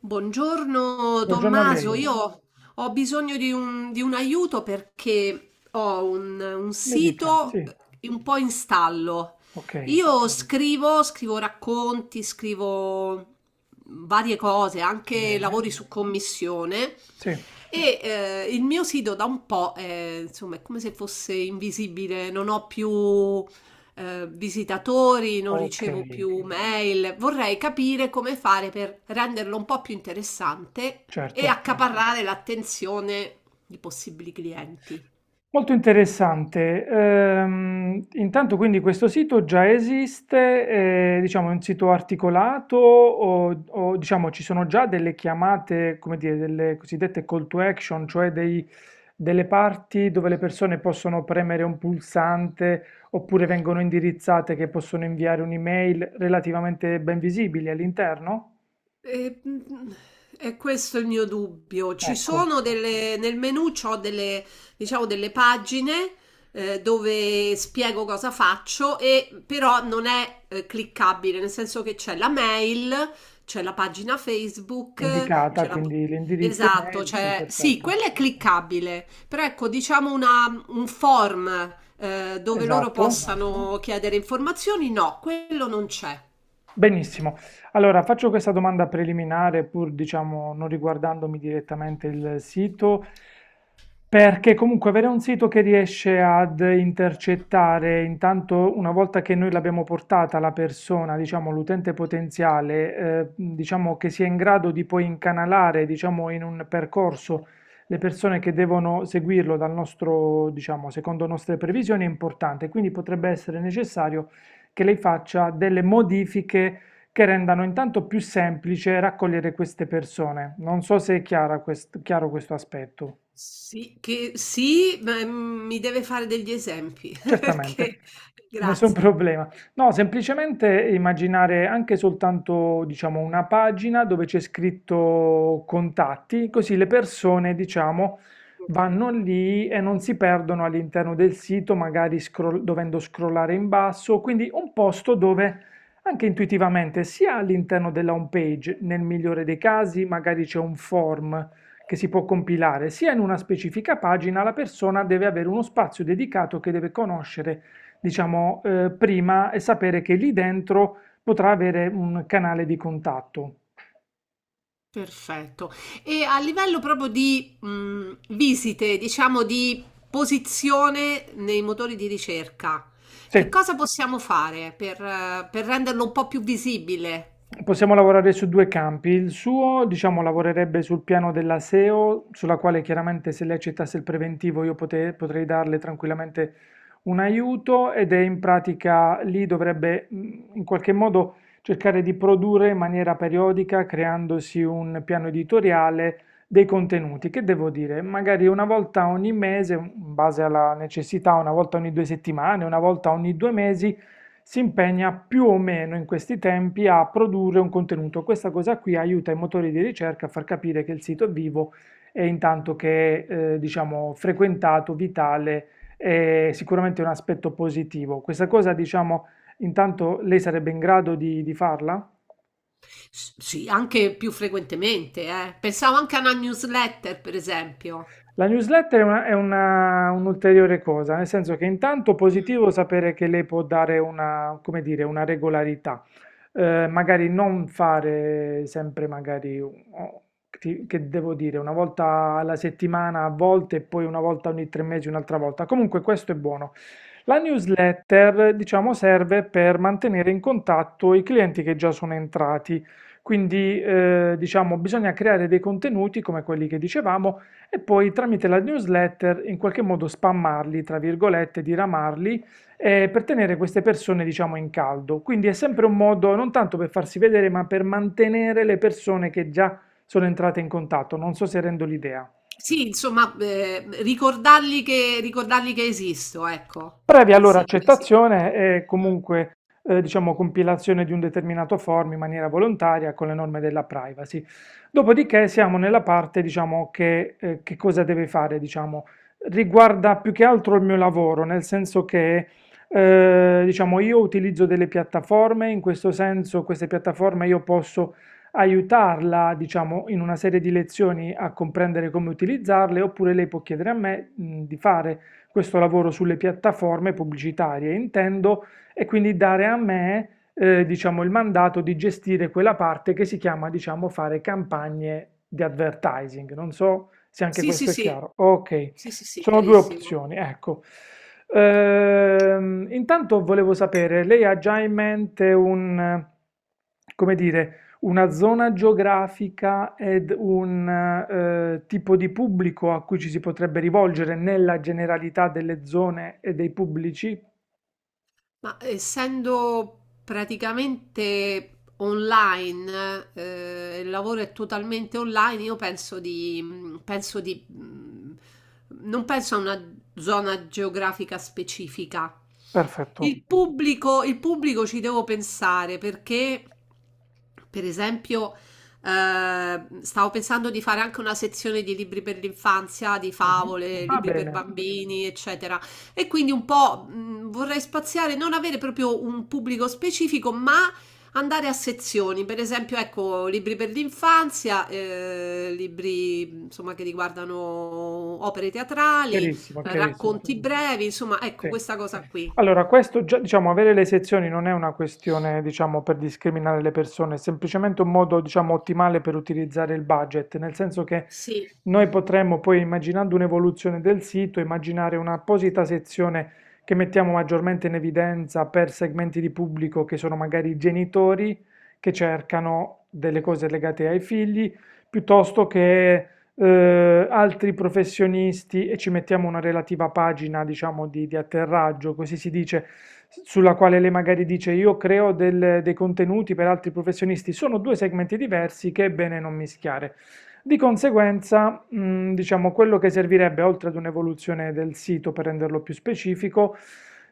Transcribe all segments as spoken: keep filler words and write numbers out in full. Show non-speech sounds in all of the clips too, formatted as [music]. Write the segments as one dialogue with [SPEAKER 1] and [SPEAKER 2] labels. [SPEAKER 1] Buongiorno
[SPEAKER 2] Buongiorno a
[SPEAKER 1] Tommaso,
[SPEAKER 2] lei,
[SPEAKER 1] io buongiorno. Ho bisogno di un, di un aiuto perché ho un, un
[SPEAKER 2] mi dica,
[SPEAKER 1] sito
[SPEAKER 2] sì,
[SPEAKER 1] un po' in stallo.
[SPEAKER 2] ok,
[SPEAKER 1] Io scrivo, scrivo racconti, scrivo varie cose, anche
[SPEAKER 2] bene,
[SPEAKER 1] lavori su commissione
[SPEAKER 2] sì,
[SPEAKER 1] e eh, il mio sito da un po' è, insomma, è come se fosse invisibile, non ho più eh, visitatori, non
[SPEAKER 2] ok,
[SPEAKER 1] ricevo più mail. Vorrei capire come fare per renderlo un po' più interessante e
[SPEAKER 2] certo.
[SPEAKER 1] accaparrare l'attenzione di possibili clienti.
[SPEAKER 2] Molto interessante. Ehm, intanto quindi questo sito già esiste, eh, diciamo è un sito articolato o, o, diciamo ci sono già delle chiamate, come dire, delle cosiddette call to action, cioè dei- delle parti dove le persone possono premere un pulsante oppure vengono indirizzate che possono inviare un'email relativamente ben visibili all'interno?
[SPEAKER 1] E, mhmm, è questo è il mio dubbio. Ci
[SPEAKER 2] Ecco,
[SPEAKER 1] sono delle nel menù c'ho delle diciamo delle pagine, ehm, dove spiego cosa faccio e però non è, ehm, cliccabile, nel senso che c'è la mail, c'è la pagina Facebook,
[SPEAKER 2] indicata,
[SPEAKER 1] c'è la p
[SPEAKER 2] quindi l'indirizzo
[SPEAKER 1] esatto,
[SPEAKER 2] email, sì,
[SPEAKER 1] c'è sì,
[SPEAKER 2] perfetto.
[SPEAKER 1] quella è cliccabile, però ecco diciamo una un form, ehm, dove loro
[SPEAKER 2] Esatto.
[SPEAKER 1] possano chiedere informazioni, no, quello non c'è.
[SPEAKER 2] Benissimo. Allora, faccio questa domanda preliminare, pur diciamo non riguardandomi direttamente il sito, perché comunque avere un sito che riesce ad intercettare, intanto una volta che noi l'abbiamo portata la persona, diciamo l'utente potenziale, eh, diciamo che sia in grado di poi incanalare, diciamo in un percorso le persone che devono seguirlo dal nostro, diciamo, secondo nostre previsioni è importante, quindi potrebbe essere necessario che lei faccia delle modifiche che rendano intanto più semplice raccogliere queste persone. Non so se è chiara quest- chiaro questo aspetto.
[SPEAKER 1] Sì, che sì, ma, mhmm, mi deve fare degli esempi [laughs]
[SPEAKER 2] Certamente,
[SPEAKER 1] perché
[SPEAKER 2] nessun [laughs]
[SPEAKER 1] grazie.
[SPEAKER 2] problema. No, semplicemente immaginare anche soltanto, diciamo, una pagina dove c'è scritto contatti, così le persone, diciamo,
[SPEAKER 1] Okay,
[SPEAKER 2] vanno lì e non si perdono all'interno del sito, magari scroll- dovendo scrollare in basso, quindi un posto dove anche intuitivamente, sia all'interno della home page, nel migliore dei casi, magari c'è un form che si può compilare sia in una specifica pagina, la persona deve avere uno spazio dedicato che deve conoscere, diciamo, eh, prima e sapere che lì dentro potrà avere un canale di contatto.
[SPEAKER 1] perfetto. E a livello proprio di, mhmm, visite, diciamo di posizione nei motori di ricerca,
[SPEAKER 2] Sì,
[SPEAKER 1] che cosa possiamo fare per eh, per renderlo un po' più visibile?
[SPEAKER 2] possiamo lavorare su due campi. Il suo, diciamo, lavorerebbe sul piano della SEO, sulla quale chiaramente se lei accettasse il preventivo io pote- potrei darle tranquillamente un aiuto ed è in pratica lì dovrebbe mh, in qualche modo cercare di produrre in maniera periodica, creandosi un piano editoriale dei contenuti, che devo dire, magari una volta ogni mese, in base alla necessità, una volta ogni due settimane, una volta ogni due mesi si impegna più o meno in questi tempi a produrre un contenuto. Questa cosa qui aiuta i motori di ricerca a far capire che il sito è vivo e intanto che è, eh, diciamo, frequentato, vitale, è sicuramente un aspetto positivo. Questa cosa, diciamo, intanto lei sarebbe in grado di, di farla?
[SPEAKER 1] S sì, anche più frequentemente, eh. Pensavo anche a una newsletter, per esempio.
[SPEAKER 2] La newsletter è una- è una- un'ulteriore cosa, nel senso che intanto
[SPEAKER 1] Mh.
[SPEAKER 2] positivo sapere che lei può dare una, come dire, una regolarità. Eh, magari non fare sempre magari, un- o- ti- che devo dire, una volta alla settimana a volte e poi una volta ogni tre mesi un'altra volta. Comunque questo è buono. La newsletter, diciamo, serve per mantenere in contatto i clienti che già sono entrati, quindi eh, diciamo bisogna creare dei contenuti come quelli che dicevamo e poi tramite la newsletter in qualche modo spammarli, tra virgolette, diramarli, eh, per tenere queste persone, diciamo, in caldo. Quindi è sempre un modo non tanto per farsi vedere, ma per mantenere le persone che già sono entrate in contatto. Non so se rendo l'idea.
[SPEAKER 1] Sì, insomma, ehm, ricordargli che ricordargli che esisto, ecco,
[SPEAKER 2] Previa
[SPEAKER 1] in
[SPEAKER 2] allora
[SPEAKER 1] sintesi.
[SPEAKER 2] accettazione e
[SPEAKER 1] Mh.
[SPEAKER 2] comunque eh, diciamo, compilazione di un determinato form in maniera volontaria con le norme della privacy. Dopodiché siamo nella parte diciamo, che, eh, che cosa deve fare, diciamo, riguarda più che altro il mio lavoro, nel senso che eh, diciamo, io utilizzo delle piattaforme, in questo senso queste piattaforme io posso aiutarla, diciamo, in una serie di lezioni a comprendere come utilizzarle, oppure lei può chiedere a me, mh, di fare questo lavoro sulle piattaforme pubblicitarie, intendo, e quindi dare a me, eh, diciamo, il mandato di gestire quella parte che si chiama, diciamo, fare campagne di advertising. Non so se anche
[SPEAKER 1] Sì, sì,
[SPEAKER 2] questo è
[SPEAKER 1] sì.
[SPEAKER 2] chiaro. Ok,
[SPEAKER 1] Sì, sì, sì,
[SPEAKER 2] sono due
[SPEAKER 1] chiarissimo.
[SPEAKER 2] opzioni, ecco. Ehm, intanto volevo sapere, lei ha già in mente un, eh, come dire, una zona geografica ed un eh, tipo di pubblico a cui ci si potrebbe rivolgere nella generalità delle zone e dei pubblici?
[SPEAKER 1] Ma essendo praticamente online, eh, il lavoro è totalmente online, io penso di, mm, penso di, mm, non penso a una zona geografica specifica.
[SPEAKER 2] Perfetto.
[SPEAKER 1] Il pubblico, il pubblico ci devo pensare perché, per esempio, eh, stavo pensando di fare anche una sezione di libri per l'infanzia, di
[SPEAKER 2] Mhm.
[SPEAKER 1] favole,
[SPEAKER 2] Va
[SPEAKER 1] libri per
[SPEAKER 2] bene,
[SPEAKER 1] bambini, eccetera. E quindi un po' mh, vorrei spaziare, non avere proprio un pubblico specifico, ma andare a sezioni, per esempio, ecco, libri per l'infanzia, eh, libri insomma che riguardano opere teatrali,
[SPEAKER 2] chiarissimo,
[SPEAKER 1] eh,
[SPEAKER 2] chiarissimo.
[SPEAKER 1] racconti brevi, insomma, ecco
[SPEAKER 2] Sì.
[SPEAKER 1] questa cosa qui.
[SPEAKER 2] Allora, questo già, diciamo, avere le sezioni non è una questione, diciamo, per discriminare le persone, è semplicemente un modo, diciamo, ottimale per utilizzare il budget, nel senso che
[SPEAKER 1] Sì.
[SPEAKER 2] noi potremmo poi, immaginando un'evoluzione del sito, immaginare un'apposita sezione che mettiamo maggiormente in evidenza per segmenti di pubblico che sono magari i genitori che cercano delle cose legate ai figli, piuttosto che eh, altri professionisti e ci mettiamo una relativa pagina, diciamo, di, di atterraggio, così si dice, sulla quale lei magari dice io creo del- dei contenuti per altri professionisti. Sono due segmenti diversi che è bene non mischiare. Di conseguenza, mh, diciamo, quello che servirebbe, oltre ad un'evoluzione del sito per renderlo più specifico,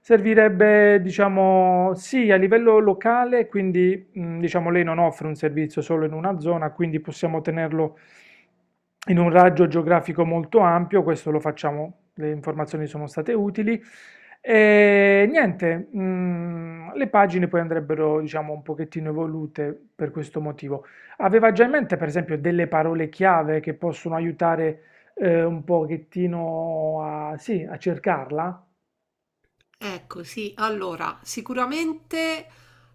[SPEAKER 2] servirebbe, diciamo, sì, a livello locale, quindi, mh, diciamo, lei non offre un servizio solo in una zona, quindi possiamo tenerlo in un raggio geografico molto ampio, questo lo facciamo, le informazioni sono state utili. E niente, mh, le pagine poi andrebbero, diciamo, un pochettino evolute per questo motivo. Aveva già in mente, per esempio, delle parole chiave che possono aiutare eh, un pochettino a, sì, a cercarla?
[SPEAKER 1] Ecco, sì, allora, sicuramente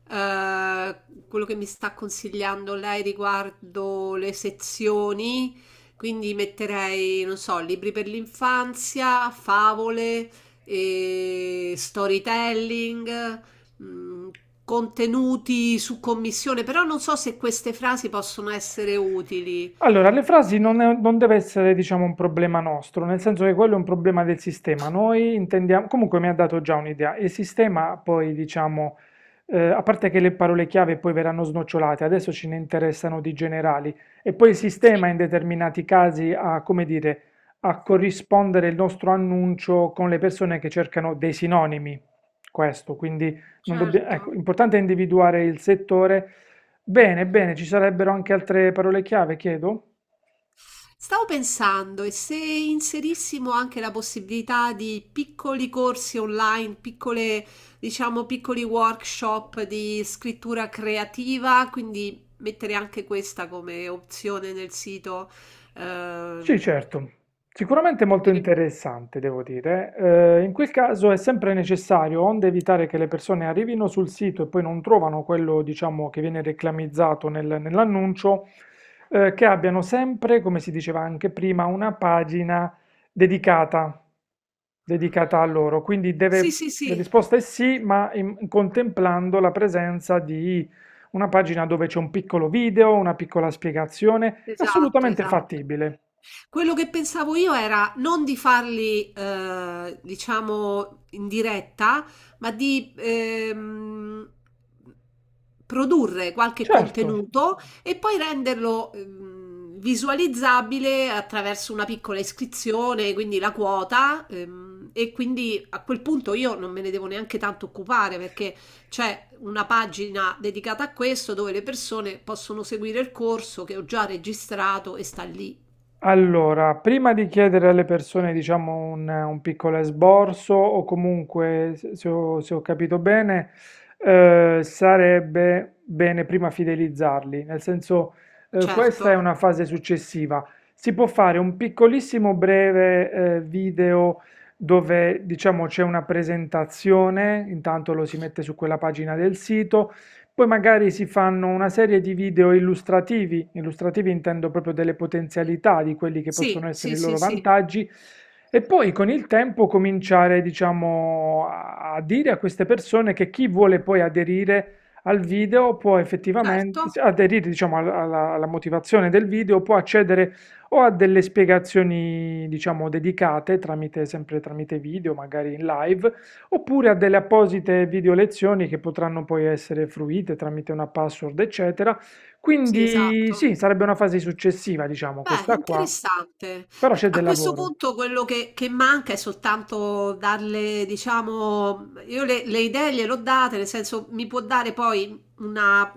[SPEAKER 1] eh, quello che mi sta consigliando lei riguardo le sezioni, quindi metterei, non so, libri per l'infanzia, favole, eh, storytelling, mh, contenuti su commissione, però non so se queste frasi possono essere utili.
[SPEAKER 2] Allora, le frasi non, è- non deve essere, diciamo, un problema nostro, nel senso che quello è un problema del sistema. Noi intendiamo, comunque mi ha dato già un'idea, il sistema poi, diciamo, eh, a parte che le parole chiave poi verranno snocciolate, adesso ce ne interessano di generali, e poi il sistema in determinati casi ha, come dire, a corrispondere il nostro annuncio con le persone che cercano dei sinonimi. Questo, quindi non dobbia-
[SPEAKER 1] Certo.
[SPEAKER 2] ecco, l'importante è individuare il settore. Bene, bene, ci sarebbero anche altre parole chiave, chiedo?
[SPEAKER 1] Stavo pensando, e se inserissimo anche la possibilità di piccoli corsi online, piccole, diciamo, piccoli workshop di scrittura creativa, quindi mettere anche questa come opzione nel sito. eh,
[SPEAKER 2] Sì, certo. Sicuramente molto
[SPEAKER 1] potrebbe-
[SPEAKER 2] interessante, devo dire. Eh, in quel caso è sempre necessario, onde evitare che le persone arrivino sul sito e poi non trovano quello, diciamo, che viene reclamizzato nel- nell'annuncio, eh, che abbiano sempre, come si diceva anche prima, una pagina dedicata. dedicata a loro. Quindi
[SPEAKER 1] sì,
[SPEAKER 2] deve-
[SPEAKER 1] sì,
[SPEAKER 2] la
[SPEAKER 1] sì,
[SPEAKER 2] risposta è sì, ma in- contemplando la presenza di una pagina dove c'è un piccolo video, una piccola spiegazione, è
[SPEAKER 1] esatto,
[SPEAKER 2] assolutamente
[SPEAKER 1] esatto.
[SPEAKER 2] fattibile.
[SPEAKER 1] Quello che pensavo io era non di farli, eh, diciamo, in diretta, ma di ehm, produrre qualche
[SPEAKER 2] Certo.
[SPEAKER 1] contenuto e poi renderlo ehm, visualizzabile attraverso una piccola iscrizione, quindi la quota. Ehm, e quindi a quel punto io non me ne devo neanche tanto occupare perché c'è una pagina dedicata a questo dove le persone possono seguire il corso che ho già registrato e sta lì.
[SPEAKER 2] Allora, prima di chiedere alle persone, diciamo, un, un piccolo esborso o comunque, se se ho, se ho capito bene, eh, sarebbe bene prima fidelizzarli, nel senso, eh,
[SPEAKER 1] Certo.
[SPEAKER 2] questa è una fase successiva. Si può fare un piccolissimo breve, eh, video dove, diciamo, c'è una presentazione, intanto lo si mette su quella pagina del sito, poi magari si fanno una serie di video illustrativi, illustrativi intendo proprio delle potenzialità di quelli che possono
[SPEAKER 1] Sì,
[SPEAKER 2] essere
[SPEAKER 1] sì,
[SPEAKER 2] i
[SPEAKER 1] sì,
[SPEAKER 2] loro
[SPEAKER 1] sì,
[SPEAKER 2] vantaggi, e poi con il tempo cominciare, diciamo, a a dire a queste persone che chi vuole poi aderire al video può
[SPEAKER 1] certo.
[SPEAKER 2] effettivamente sì, aderire, diciamo, al- alla, alla motivazione del video, può accedere o a delle spiegazioni, diciamo, dedicate tramite, sempre tramite video, magari in live, oppure a delle apposite videolezioni che potranno poi essere fruite tramite una password, eccetera.
[SPEAKER 1] Sì,
[SPEAKER 2] Quindi
[SPEAKER 1] esatto.
[SPEAKER 2] sì, sarebbe una fase successiva, diciamo,
[SPEAKER 1] Beh,
[SPEAKER 2] questa qua,
[SPEAKER 1] interessante.
[SPEAKER 2] però
[SPEAKER 1] Eh,
[SPEAKER 2] c'è
[SPEAKER 1] A
[SPEAKER 2] del
[SPEAKER 1] questo
[SPEAKER 2] lavoro.
[SPEAKER 1] punto quello che, che manca è soltanto darle, diciamo, mhmm, io le, le idee gliel'ho date, nel senso mi può dare poi una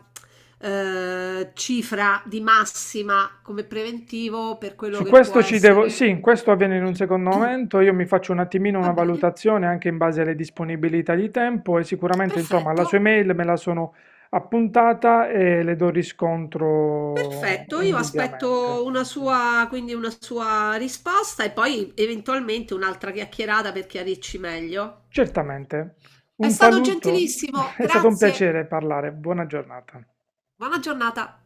[SPEAKER 1] eh, cifra di massima come preventivo per quello
[SPEAKER 2] Su
[SPEAKER 1] che può
[SPEAKER 2] questo ci devo,
[SPEAKER 1] essere.
[SPEAKER 2] sì, questo avviene in un secondo
[SPEAKER 1] [coughs] [clears throat]
[SPEAKER 2] momento, io mi faccio un attimino
[SPEAKER 1] Va
[SPEAKER 2] una
[SPEAKER 1] bene,
[SPEAKER 2] valutazione anche in base alle disponibilità di tempo e sicuramente, insomma, la
[SPEAKER 1] perfetto.
[SPEAKER 2] sua email me la sono appuntata e le do riscontro
[SPEAKER 1] Perfetto, io
[SPEAKER 2] indubbiamente.
[SPEAKER 1] aspetto una sua, quindi una sua risposta e poi eventualmente un'altra chiacchierata per chiarirci meglio.
[SPEAKER 2] Certamente.
[SPEAKER 1] È
[SPEAKER 2] Un
[SPEAKER 1] stato
[SPEAKER 2] saluto, [laughs]
[SPEAKER 1] gentilissimo,
[SPEAKER 2] è stato un
[SPEAKER 1] grazie.
[SPEAKER 2] piacere parlare, buona giornata.
[SPEAKER 1] Buona giornata.